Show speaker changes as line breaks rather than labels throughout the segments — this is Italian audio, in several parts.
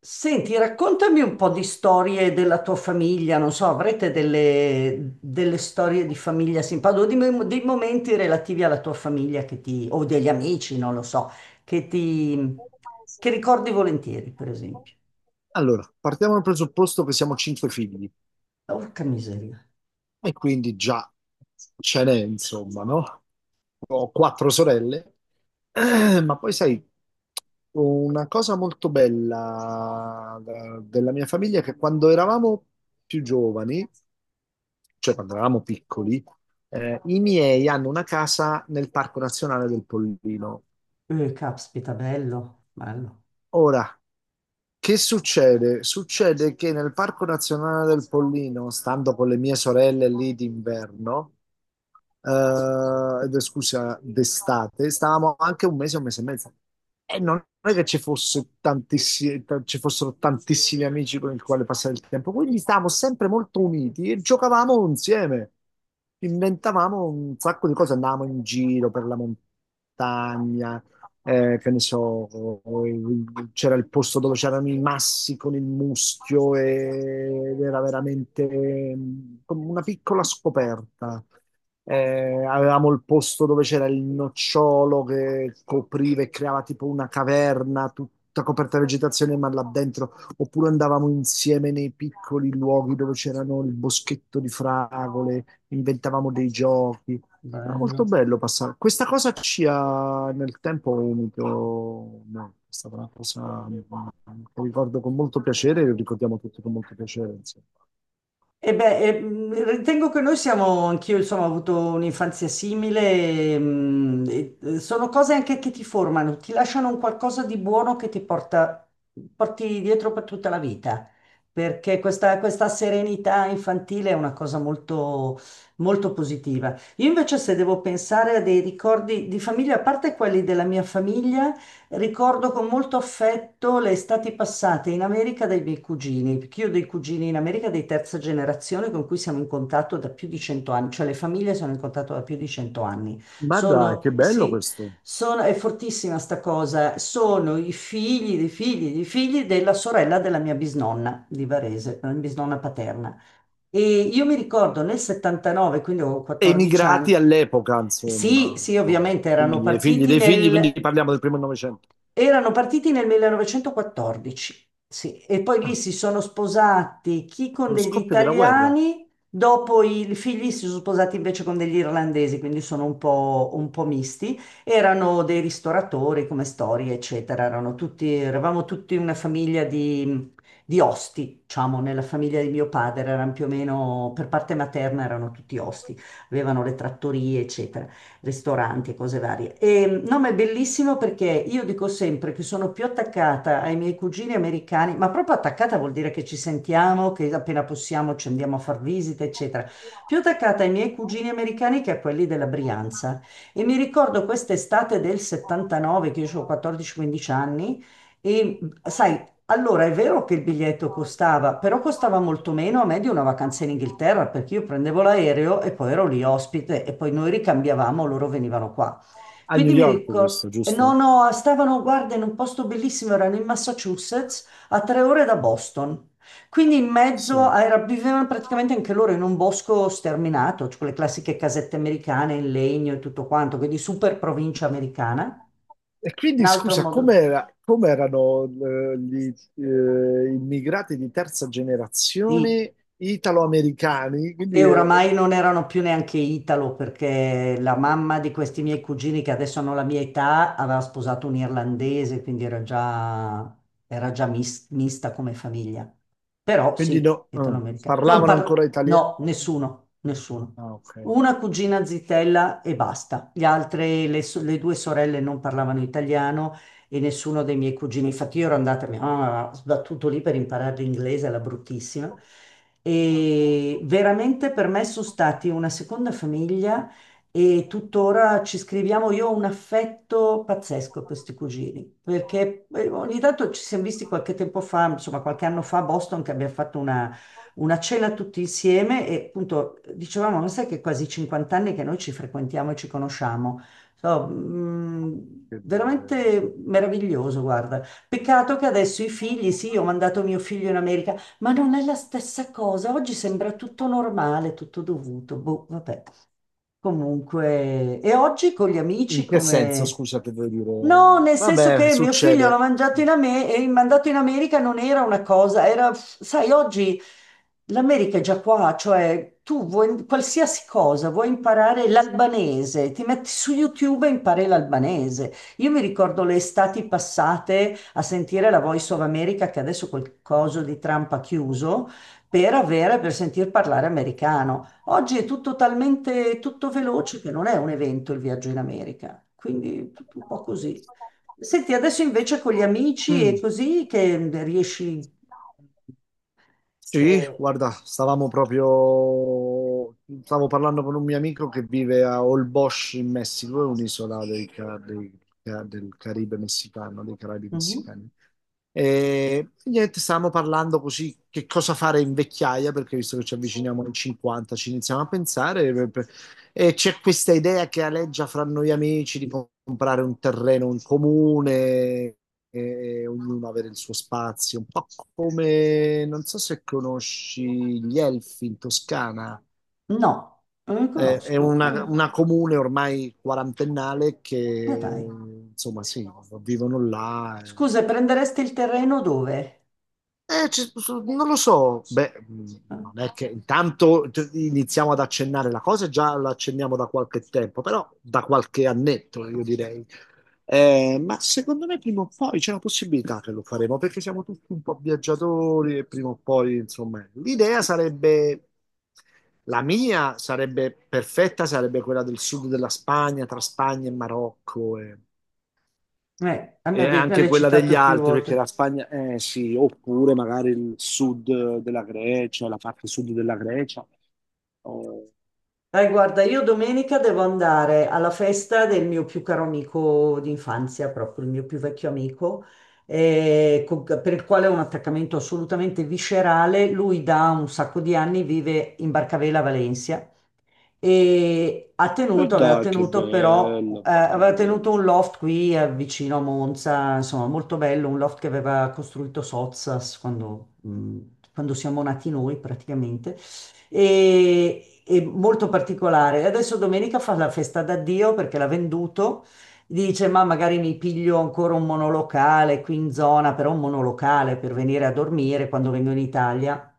Senti, raccontami un po' di storie della tua famiglia, non so, avrete delle storie di famiglia simpatiche, o dei momenti relativi alla tua famiglia che ti, o degli amici, non lo so, che ti, che ricordi volentieri, per esempio.
Allora, partiamo dal presupposto che siamo cinque figli
Porca miseria.
e quindi già ce n'è, insomma, no? Ho quattro sorelle, ma poi sai, una cosa molto bella della mia famiglia è che quando eravamo più giovani, cioè quando eravamo piccoli, i miei hanno una casa nel Parco Nazionale del Pollino.
Caspita, bello, bello,
Ora, che succede? Succede che nel Parco Nazionale del Pollino, stando con le mie sorelle lì d'inverno, d'estate, stavamo anche un mese e mezzo. E non è che ci fossero tantissimi amici con i quali passare il tempo, quindi stavamo sempre molto uniti e giocavamo insieme. Inventavamo un sacco di cose, andavamo in giro per la montagna, che ne so, c'era il posto dove c'erano i massi con il muschio ed era veramente come una piccola scoperta. Avevamo il posto dove c'era il nocciolo che copriva e creava tipo una caverna tutta coperta di vegetazione, ma là dentro. Oppure andavamo insieme nei piccoli luoghi dove c'erano il boschetto di fragole, inventavamo dei giochi. Era molto
bello.
bello passare. Questa cosa ci ha nel tempo unito molto. È stata una cosa che ricordo con molto piacere e lo ricordiamo tutti con molto piacere, insomma.
E beh, ritengo che noi siamo, anch'io insomma, ho avuto un'infanzia simile, sono cose anche che ti formano, ti lasciano un qualcosa di buono che ti porta, porti dietro per tutta la vita, perché questa serenità infantile è una cosa molto, molto positiva. Io invece se devo pensare a dei ricordi di famiglia, a parte quelli della mia famiglia, ricordo con molto affetto le estati passate in America dai miei cugini, perché io ho dei cugini in America di terza generazione con cui siamo in contatto da più di 100 anni, cioè le famiglie sono in contatto da più di 100 anni.
Ma dai,
Sono,
che bello
sì,
questo.
è fortissima sta cosa, sono i figli dei figli dei figli della sorella della mia bisnonna di Varese, la mia bisnonna paterna. E io mi ricordo nel '79, quindi ho 14 anni.
Emigrati all'epoca,
Sì,
insomma,
sì, ovviamente
figli, dei figli dei figli, quindi parliamo del primo Novecento.
erano partiti nel 1914, sì, e poi lì
Ah,
si sono sposati chi con
allo
degli
scoppio della guerra
italiani, dopo i figli si sono sposati invece con degli irlandesi, quindi sono un po' misti. Erano dei ristoratori come storie, eccetera, eravamo tutti una famiglia di osti, diciamo. Nella famiglia di mio padre erano più o meno, per parte materna, erano tutti osti, avevano le trattorie, eccetera, ristoranti e cose varie. E no, ma è bellissimo perché io dico sempre che sono più attaccata ai miei cugini americani, ma proprio attaccata vuol dire che ci sentiamo, che appena possiamo ci andiamo a far visite, eccetera. Più attaccata ai miei cugini americani che a quelli della Brianza. E mi ricordo quest'estate del '79, che io ho 14-15 anni. E sai, allora, è vero che il biglietto costava, però costava molto meno a me di una vacanza in Inghilterra, perché io prendevo l'aereo e poi ero lì ospite e poi noi ricambiavamo, loro venivano qua.
a New
Quindi mi
York,
ricordo,
questo,
no,
giusto?
no, stavano, guarda, in un posto bellissimo, erano in Massachusetts, a 3 ore da Boston. Quindi in mezzo
Sì.
a- era- vivevano praticamente anche loro in un bosco sterminato, cioè quelle classiche casette americane in legno e tutto quanto, quindi super provincia americana.
E
Un
quindi
altro
scusa,
modo,
com'era, com'erano gli immigrati di terza
sì.
generazione italo-americani? Quindi,
E oramai non erano più neanche italo, perché la mamma di questi miei cugini, che adesso hanno la mia età, aveva sposato un irlandese, quindi era già, mista come famiglia. Però
quindi
sì,
no,
italoamericana. Non
parlavano ancora
parlo,
italiano.
no, nessuno, nessuno.
Ah, ok,
Una
ok.
cugina zitella e basta. Gli altre, le due sorelle non parlavano italiano e nessuno dei miei cugini. Infatti io ero andata, mia mamma ha sbattuto lì per imparare l'inglese, la bruttissima. E veramente per me sono stati una seconda famiglia e tuttora ci scriviamo. Io ho un affetto pazzesco per questi cugini, perché ogni tanto ci siamo visti qualche tempo fa, insomma qualche anno fa a Boston, che abbiamo fatto una cena tutti insieme e appunto dicevamo, ma sai che quasi 50 anni che noi ci frequentiamo e ci conosciamo.
Che bello.
Veramente meraviglioso, guarda. Peccato che adesso i figli, sì, ho mandato mio figlio in America, ma non è la stessa cosa. Oggi sembra tutto normale, tutto dovuto. Boh, vabbè. Comunque, e oggi con gli
In
amici
che senso,
come...
scusa, che vuoi dire?
No, nel senso
Vabbè,
che mio figlio l'ha
succede.
mangiato in Ame- e mandato in America non era una cosa, era, sai, oggi l'America è già qua, cioè tu vuoi qualsiasi cosa, vuoi imparare l'albanese, ti metti su YouTube e impari l'albanese. Io mi ricordo le estati passate a sentire la Voice of America, che adesso quel coso di Trump ha chiuso, per avere, per sentir parlare americano. Oggi è tutto talmente tutto veloce che non è un evento il viaggio in America, quindi tutto un po' così. Senti, adesso invece con gli amici
Mm.
e così che riesci...
Sì,
eh,
guarda, stavamo proprio, stavo parlando con un mio amico che vive a Holbox in Messico, è un'isola dei del Caribe messicano, dei Caraibi
mhm.
messicani. E niente, stavamo parlando così che cosa fare in vecchiaia, perché visto che ci avviciniamo ai 50, ci iniziamo a pensare, e c'è questa idea che aleggia fra noi amici di comprare un terreno in comune e ognuno avere il suo spazio, un po' come, non so se conosci gli Elfi in Toscana.
No, non li
È
conosco. Ah,
una comune ormai quarantennale
ma dai.
che, insomma, sì, vivono là,
Scusa, prenderesti il terreno dove?
Non lo so, beh, non è che iniziamo ad accennare la cosa, già la accenniamo da qualche tempo, però da qualche annetto, io direi. Ma secondo me prima o poi c'è una possibilità che lo faremo, perché siamo tutti un po' viaggiatori e prima o poi, insomma, l'idea sarebbe, la mia sarebbe perfetta, sarebbe quella del sud della Spagna, tra Spagna e Marocco.
A me
E
me
anche
l'hai
quella degli
citato più
altri, perché
volte.
la Spagna, eh sì, oppure magari il sud della Grecia, la parte sud della Grecia. Oh.
Dai, guarda, io domenica devo andare alla festa del mio più caro amico d'infanzia, proprio il mio più vecchio amico, per il quale ho un attaccamento assolutamente viscerale. Lui da un sacco di anni vive in Barcavela, Valencia, e ha
E
tenuto, aveva
dai, che
tenuto però,
bello, barca
aveva
bella.
tenuto un loft qui vicino a Monza, insomma molto bello, un loft che aveva costruito Sozzas quando, quando siamo nati noi praticamente, e molto particolare. E adesso domenica fa la festa d'addio perché l'ha venduto, dice ma magari mi piglio ancora un monolocale qui in zona, però un monolocale per venire a dormire quando vengo in Italia.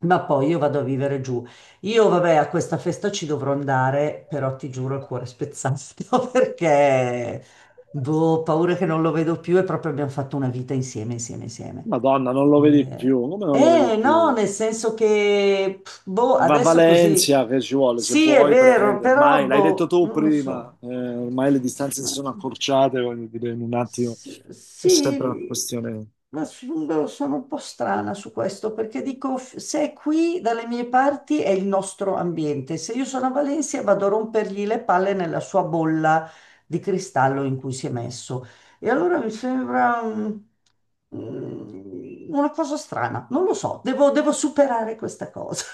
Ma poi io vado a vivere giù. Io, vabbè, a questa festa ci dovrò andare, però ti giuro il cuore spezzato perché, boh, ho paura che non lo vedo più e proprio abbiamo fatto una vita insieme, insieme, insieme.
Madonna, non lo vedi
Eh,
più, come non lo vedi
no,
più?
nel senso che, pff, boh,
Va a
adesso così,
Valencia, che ci vuole, se
sì, è
vuoi
vero,
prendi,
però,
ormai l'hai detto
boh,
tu
non lo so.
prima, ormai le distanze si sono accorciate, voglio dire, in un attimo è sempre una
Sì,
questione.
ma sono un po' strana su questo perché dico, se è qui dalle mie parti è il nostro ambiente. Se io sono a Valencia vado a rompergli le palle nella sua bolla di cristallo in cui si è messo. E allora mi sembra una cosa strana, non lo so, devo superare questa cosa.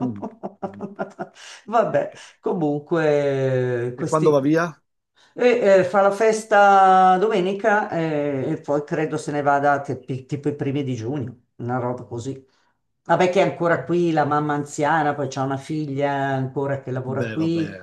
Mm.
Vabbè, comunque,
E quando
questi,
va via?
e, fa la festa domenica, e poi credo se ne vada tipo i primi di giugno, una roba così. Vabbè che è
Ah,
ancora qui, la mamma anziana, poi c'ha una figlia ancora che lavora
beh, vabbè.
qui,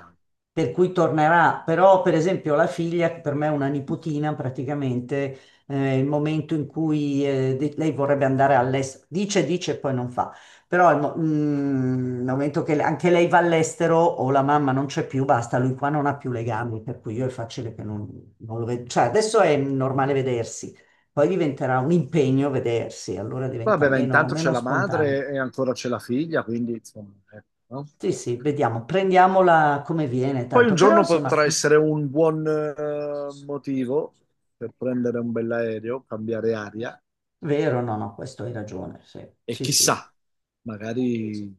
per cui tornerà. Però per esempio la figlia, che per me è una nipotina praticamente, il momento in cui lei vorrebbe andare all'estero, dice, dice, e poi non fa. Però nel momento che anche lei va all'estero o la mamma non c'è più, basta, lui qua non ha più legami, per cui io è facile che non lo vedo. Cioè, adesso è normale vedersi, poi diventerà un impegno vedersi, allora diventa
Vabbè, ma intanto c'è
meno
la
spontaneo.
madre e ancora c'è la figlia, quindi insomma, ecco, no?
Sì, sì, vediamo, prendiamola come viene,
Poi un
tanto. Però
giorno
insomma,
potrà
mm,
essere un buon motivo per prendere un bell'aereo, cambiare aria
vero, no, no, questo hai ragione, sì,
e
sì, sì.
chissà, magari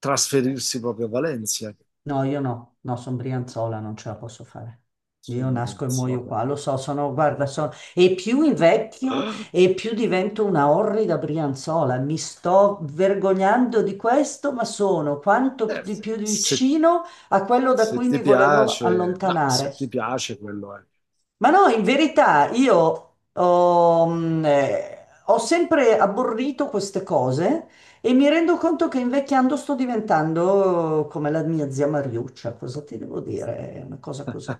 trasferirsi proprio a Valencia,
No, io no, no, sono brianzola, non ce la posso fare. Io
insomma, non
nasco e
so.
muoio qua, lo so, sono, guarda, sono... E più invecchio e più divento una orrida brianzola. Mi sto vergognando di questo, ma sono quanto
Eh,
di più
se,
vicino a quello da
se
cui
ti
mi volevo
piace, no, se
allontanare.
ti piace quello è.
Ma no, in verità io ho, ho sempre abborrito queste cose e mi rendo conto che invecchiando sto diventando come la mia zia Mariuccia, cosa ti devo dire? È una cosa così.